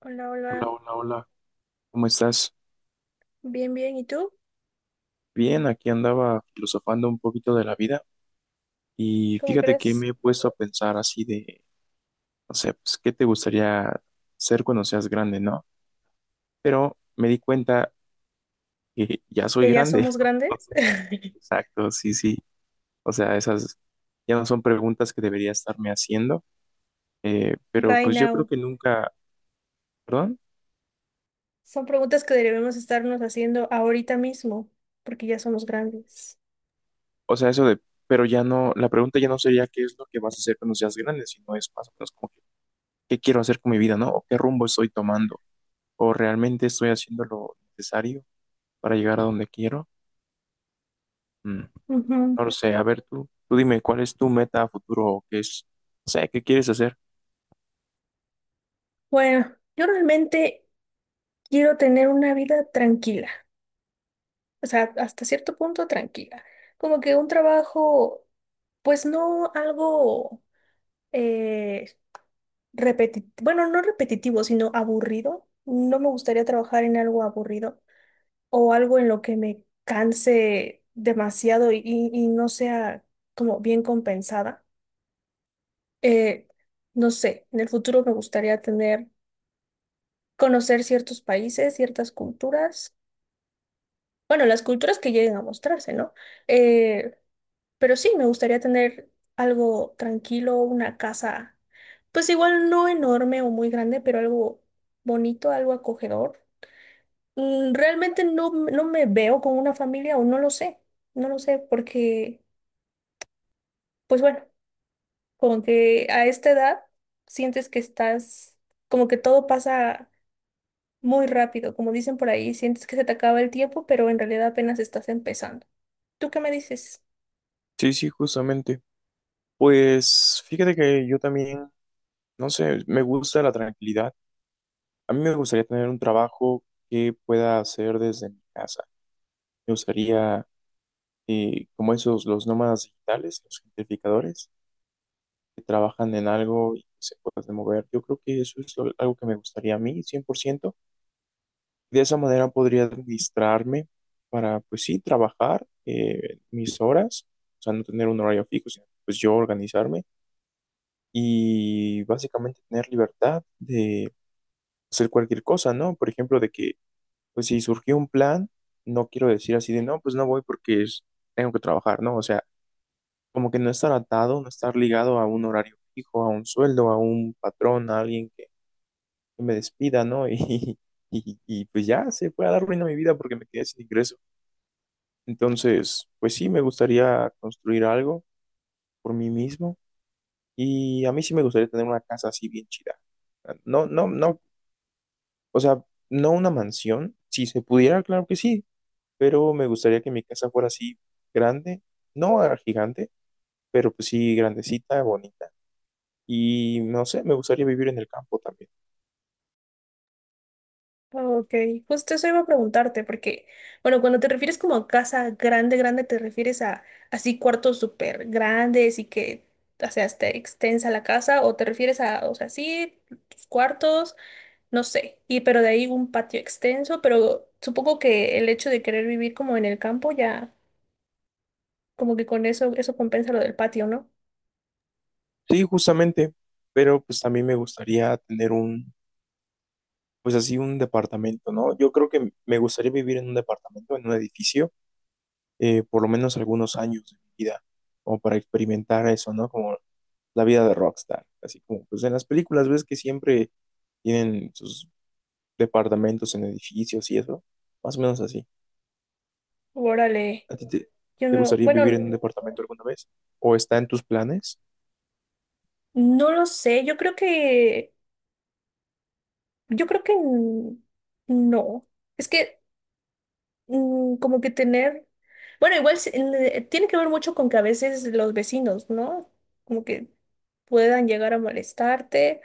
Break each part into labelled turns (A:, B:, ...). A: Hola,
B: Hola,
A: hola.
B: hola, hola, ¿cómo estás?
A: Bien, bien. ¿Y tú?
B: Bien, aquí andaba filosofando un poquito de la vida y
A: ¿Cómo
B: fíjate que
A: crees
B: me he puesto a pensar así de, no sé, pues, ¿qué te gustaría ser cuando seas grande, no? Pero me di cuenta que ya soy
A: que ya
B: grande.
A: somos grandes?
B: Exacto, sí, sí. O sea, esas ya no son preguntas que debería estarme haciendo, pero
A: Right
B: pues yo creo
A: now.
B: que nunca, perdón,
A: Son preguntas que debemos estarnos haciendo ahorita mismo, porque ya somos grandes.
B: o sea, eso de, pero ya no, la pregunta ya no sería qué es lo que vas a hacer cuando seas grande, sino es más o menos como que, qué quiero hacer con mi vida, ¿no? O qué rumbo estoy tomando. O realmente estoy haciendo lo necesario para llegar a donde quiero. Mm,
A: Ujú.
B: No lo sé, a ver tú, dime, ¿cuál es tu meta a futuro o qué es, o sea, qué quieres hacer?
A: Bueno, yo realmente quiero tener una vida tranquila, o sea, hasta cierto punto tranquila. Como que un trabajo, pues no algo eh, repetitivo, bueno, no repetitivo, sino aburrido. No me gustaría trabajar en algo aburrido, o algo en lo que me canse demasiado y no sea como bien compensada. Eh, no sé, en el futuro me gustaría tener, conocer ciertos países, ciertas culturas, bueno, las culturas que lleguen a mostrarse, ¿no? Eh, pero sí, me gustaría tener algo tranquilo, una casa, pues igual no enorme o muy grande, pero algo bonito, algo acogedor. Mm, realmente no me veo con una familia, o no lo sé, no lo sé, porque pues bueno, como que a esta edad sientes que estás, como que todo pasa muy rápido, como dicen por ahí, sientes que se te acaba el tiempo, pero en realidad apenas estás empezando. ¿Tú qué me dices?
B: Sí, sí, justamente. Pues fíjate que yo también, no sé, me gusta la tranquilidad. A mí me gustaría tener un trabajo que pueda hacer desde mi casa. Me gustaría, como esos, los nómadas digitales, los gentrificadores, que trabajan en algo y se pueden mover. Yo creo que algo que me gustaría a mí, 100%. De esa manera podría administrarme para, pues sí, trabajar mis horas, o sea, no tener un horario fijo, sino pues yo organizarme y básicamente tener libertad de hacer cualquier cosa, ¿no? Por ejemplo, de que, pues si surgió un plan, no quiero decir así de, no, pues no voy tengo que trabajar, ¿no? O sea, como que no estar atado, no estar ligado a un horario fijo, a un sueldo, a un patrón, a alguien que me despida, ¿no? Y pues ya se fue a dar ruina a mi vida porque me quedé sin ingresos. Entonces, pues sí, me gustaría construir algo por mí mismo y a mí sí me gustaría tener una casa así bien chida. Ah, no, no, no, o sea, no una mansión, si se pudiera, claro que sí, pero me gustaría que mi casa fuera así grande, no gigante, pero pues sí grandecita, bonita. Y no sé, me gustaría vivir en el campo también.
A: Ok, justo eso iba a preguntarte, porque, bueno, cuando te refieres como a casa grande, grande, te refieres a así cuartos súper grandes y que, o sea, esté extensa la casa, o te refieres a, o sea, sí, tus cuartos, no sé, y pero de ahí un patio extenso, pero supongo que el hecho de querer vivir como en el campo ya, como que con eso, eso compensa lo del patio, ¿no?
B: Sí, justamente, pero pues también me gustaría tener un, pues así un departamento, ¿no? Yo creo que me gustaría vivir en un departamento, en un edificio por lo menos algunos años de mi vida, como para experimentar eso, ¿no? Como la vida de rockstar, así como pues en las películas ves que siempre tienen sus departamentos en edificios y eso, más o menos así.
A: Órale,
B: ¿A ti
A: yo
B: te
A: no,
B: gustaría
A: bueno,
B: vivir en un departamento alguna vez? ¿O está en tus planes?
A: no lo sé, yo creo que no, es que como que tener, bueno, tiene que ver mucho con que a veces los vecinos, ¿no? Como que puedan llegar a molestarte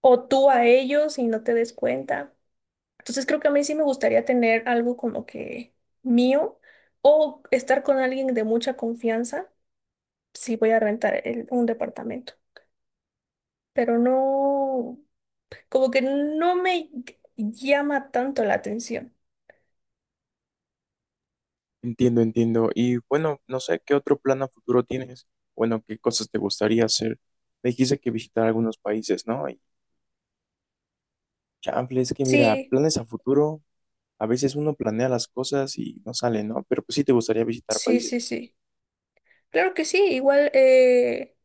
A: o tú a ellos y no te des cuenta. Entonces creo que a mí sí me gustaría tener algo como que mío o estar con alguien de mucha confianza si voy a rentar un departamento. Pero no, como que no me llama tanto la atención.
B: Entiendo, entiendo. Y bueno, no sé qué otro plan a futuro tienes. Bueno, qué cosas te gustaría hacer. Me dijiste que visitar algunos países, ¿no? Y chanfle, es que mira,
A: Sí,
B: planes a futuro, a veces uno planea las cosas y no sale, ¿no? Pero pues sí te gustaría visitar
A: sí,
B: países.
A: sí, sí. Claro que sí, igual,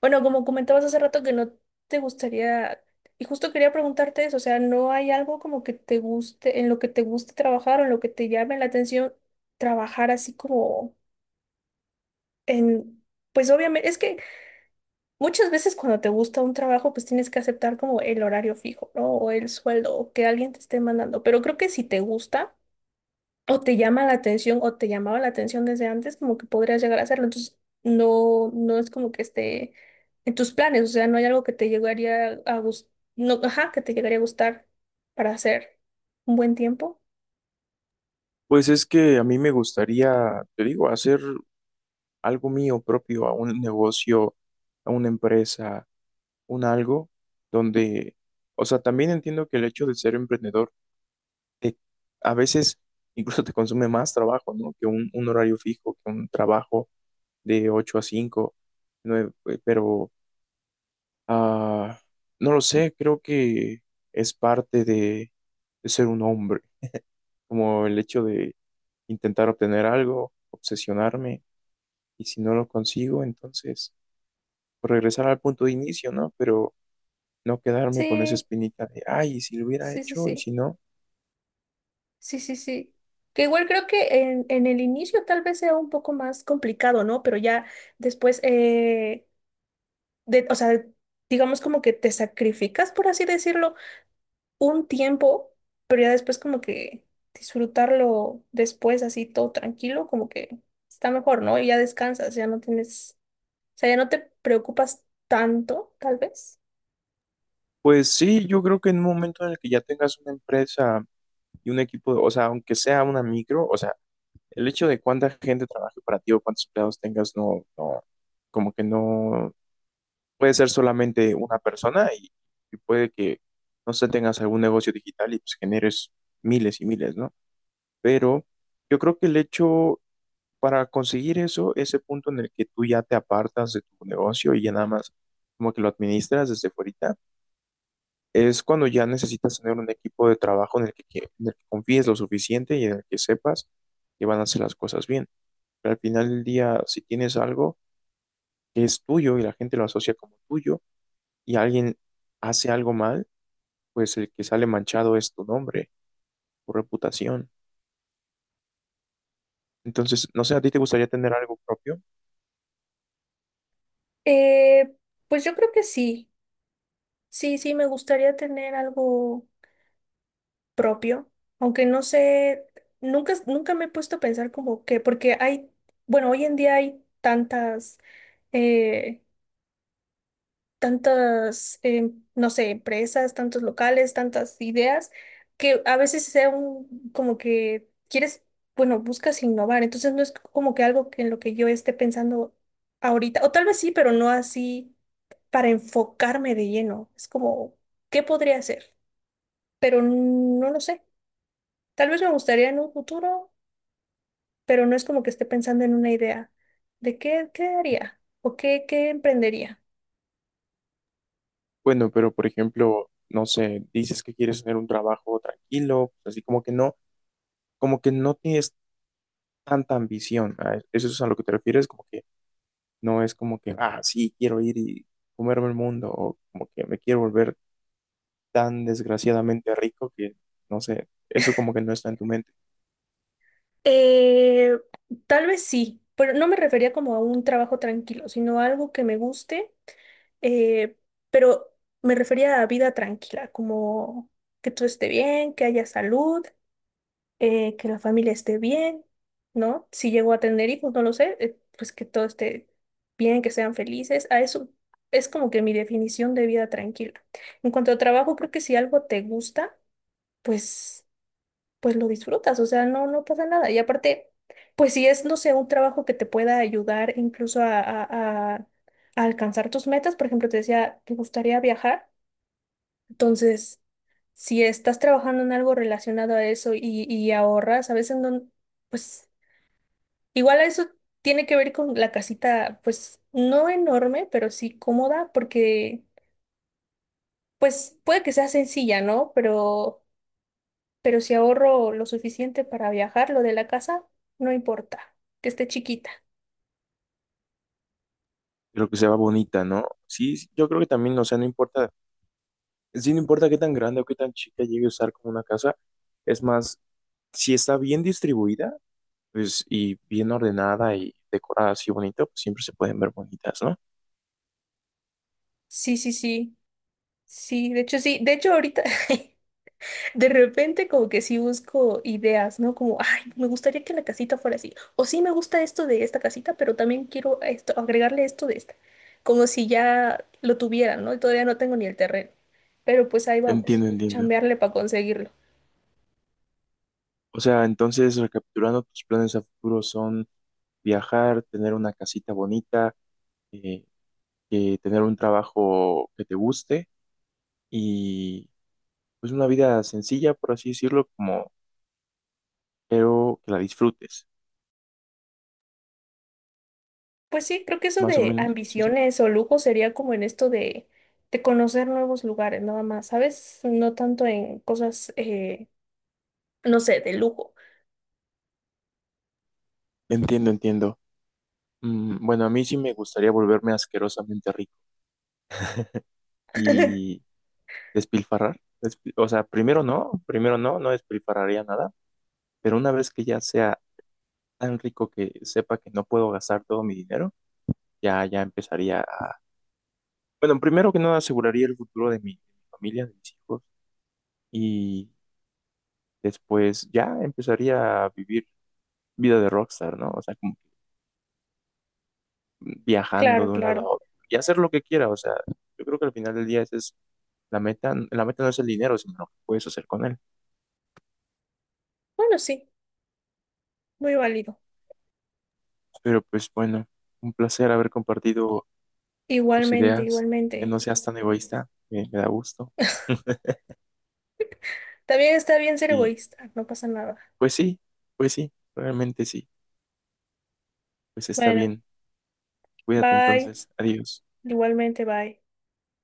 A: bueno, como comentabas hace rato que no te gustaría, y justo quería preguntarte eso, o sea, ¿no hay algo como que te guste, en lo que te guste trabajar o en lo que te llame la atención trabajar así como? En, pues obviamente, es que muchas veces cuando te gusta un trabajo, pues tienes que aceptar como el horario fijo, ¿no? O el sueldo, o que alguien te esté mandando. Pero creo que si te gusta, o te llama la atención, o te llamaba la atención desde antes, como que podrías llegar a hacerlo. Entonces, no, no es como que esté en tus planes, o sea, no hay algo que te llegaría a gustar, no, ajá, que te llegaría a gustar para hacer un buen tiempo.
B: Pues es que a mí me gustaría, te digo, hacer algo mío propio, a un negocio, a una empresa, un algo donde, o sea, también entiendo que el hecho de ser emprendedor te, a veces incluso te consume más trabajo, ¿no? Que un horario fijo, que un trabajo de 8 a 5 nueve, pero ah, no lo sé, creo que es parte de ser un hombre. Como el hecho de intentar obtener algo, obsesionarme, y si no lo consigo, entonces pues, regresar al punto de inicio, ¿no? Pero no quedarme con esa
A: Sí,
B: espinita de, ay, ¿y si lo hubiera
A: sí, sí,
B: hecho, y
A: sí.
B: si no.
A: Sí, sí, sí. Que igual creo que en el inicio tal vez sea un poco más complicado, ¿no? Pero ya después, de, o sea, digamos como que te sacrificas, por así decirlo, un tiempo, pero ya después como que disfrutarlo después así todo tranquilo, como que está mejor, ¿no? Y ya descansas, ya no tienes, o sea, ya no te preocupas tanto, tal vez.
B: Pues sí, yo creo que en un momento en el que ya tengas una empresa y un equipo, o sea, aunque sea una micro, o sea, el hecho de cuánta gente trabaje para ti o cuántos empleados tengas, no, no, como que no. Puede ser solamente una persona y puede que, no sé, tengas algún negocio digital y pues generes miles y miles, ¿no? Pero yo creo que el hecho para conseguir eso, ese punto en el que tú ya te apartas de tu negocio y ya nada más como que lo administras desde fuera, es cuando ya necesitas tener un equipo de trabajo en el que, en el que confíes lo suficiente y en el que sepas que van a hacer las cosas bien. Pero al final del día, si tienes algo que es tuyo y la gente lo asocia como tuyo y alguien hace algo mal, pues el que sale manchado es tu nombre, tu reputación. Entonces, no sé, ¿a ti te gustaría tener algo propio?
A: Eh, pues yo creo que sí, sí, sí, me gustaría tener algo propio, aunque no sé, nunca me he puesto a pensar como que, porque hay, bueno, hoy en día hay tantas, eh, tantas, no sé, empresas, tantos locales, tantas ideas, que a veces sea un, como que quieres, bueno, buscas innovar, entonces no es como que algo que en lo que yo esté pensando ahorita, o tal vez sí, pero no así para enfocarme de lleno, es como, ¿qué podría hacer? Pero no lo sé. Tal vez me gustaría en un futuro, pero no es como que esté pensando en una idea de qué, qué haría o qué, qué emprendería.
B: Bueno, pero por ejemplo, no sé, dices que quieres tener un trabajo tranquilo, pues, así como que no tienes tanta ambición. ¿Eso es a lo que te refieres? Como que no es como que, ah, sí, quiero ir y comerme el mundo, o como que me quiero volver tan desgraciadamente rico que, no sé, eso como que no está en tu mente.
A: Eh, Tal vez sí, pero no me refería como a un trabajo tranquilo, sino a algo que me guste, eh, pero me refería a vida tranquila, como que todo esté bien, que haya salud, que la familia esté bien, ¿no? Si llegó a tener hijos, no lo sé, pues que todo esté bien, que sean felices. A eso es como que mi definición de vida tranquila. En cuanto a trabajo, creo que si algo te gusta, pues, pues lo disfrutas, o sea, no, no pasa nada. Y aparte, pues si es, no sé, un trabajo que te pueda ayudar incluso a a alcanzar tus metas, por ejemplo, te decía, ¿te gustaría viajar? Entonces si estás trabajando en algo relacionado a eso y ahorras, a veces no, pues igual a eso tiene que ver con la casita, pues no enorme, pero sí cómoda, porque pues puede que sea sencilla, ¿no? Pero si ahorro lo suficiente para viajar, lo de la casa, no importa, que esté chiquita.
B: Pero que se va bonita, ¿no? Sí, sí, yo creo que también, o sea, no importa. Sí, no importa qué tan grande o qué tan chica llegue a usar como una casa, es más, si está bien distribuida, pues, y bien ordenada y decorada así bonito, pues siempre se pueden ver bonitas, ¿no?
A: Sí, sí, sí, sí, de hecho ahorita... De repente como que sí busco ideas, ¿no? Como, ay, me gustaría que la casita fuera así. O sí me gusta esto de esta casita, pero también quiero esto, agregarle esto de esta. Como si ya lo tuvieran, ¿no? Y todavía no tengo ni el terreno. Pero pues ahí vamos,
B: Entiendo,
A: a
B: entiendo.
A: chambearle para conseguirlo.
B: O sea, entonces, recapitulando, tus planes a futuro son viajar, tener una casita bonita, eh, tener un trabajo que te guste y pues una vida sencilla, por así decirlo, como, pero que la disfrutes,
A: Pues sí, creo que eso
B: más o
A: de
B: menos. Sí, sí.
A: ambiciones o lujo sería como en esto de conocer nuevos lugares, nada más, ¿sabes? No tanto en cosas, no sé, de lujo.
B: Entiendo, entiendo. Bueno, a mí sí me gustaría volverme asquerosamente rico y despilfarrar. O sea, primero no, no despilfarraría nada, pero una vez que ya sea tan rico que sepa que no puedo gastar todo mi dinero, ya, ya empezaría a... Bueno, primero que nada aseguraría el futuro de mi familia, de mis hijos, y después ya empezaría a vivir vida de rockstar, ¿no? O sea, como que viajando
A: Claro,
B: de un lado a
A: claro.
B: otro y hacer lo que quiera, o sea, yo creo que al final del día ese es. La meta no es el dinero, sino lo que puedes hacer con él.
A: Bueno, sí, muy válido.
B: Pero pues bueno, un placer haber compartido tus
A: Igualmente,
B: ideas, que
A: igualmente.
B: no seas tan egoísta, me da gusto.
A: También está bien ser
B: Y
A: egoísta, no pasa nada.
B: pues sí, pues sí, realmente sí, pues está
A: Bueno,
B: bien. Cuídate
A: bye.
B: entonces, adiós.
A: Igualmente, bye.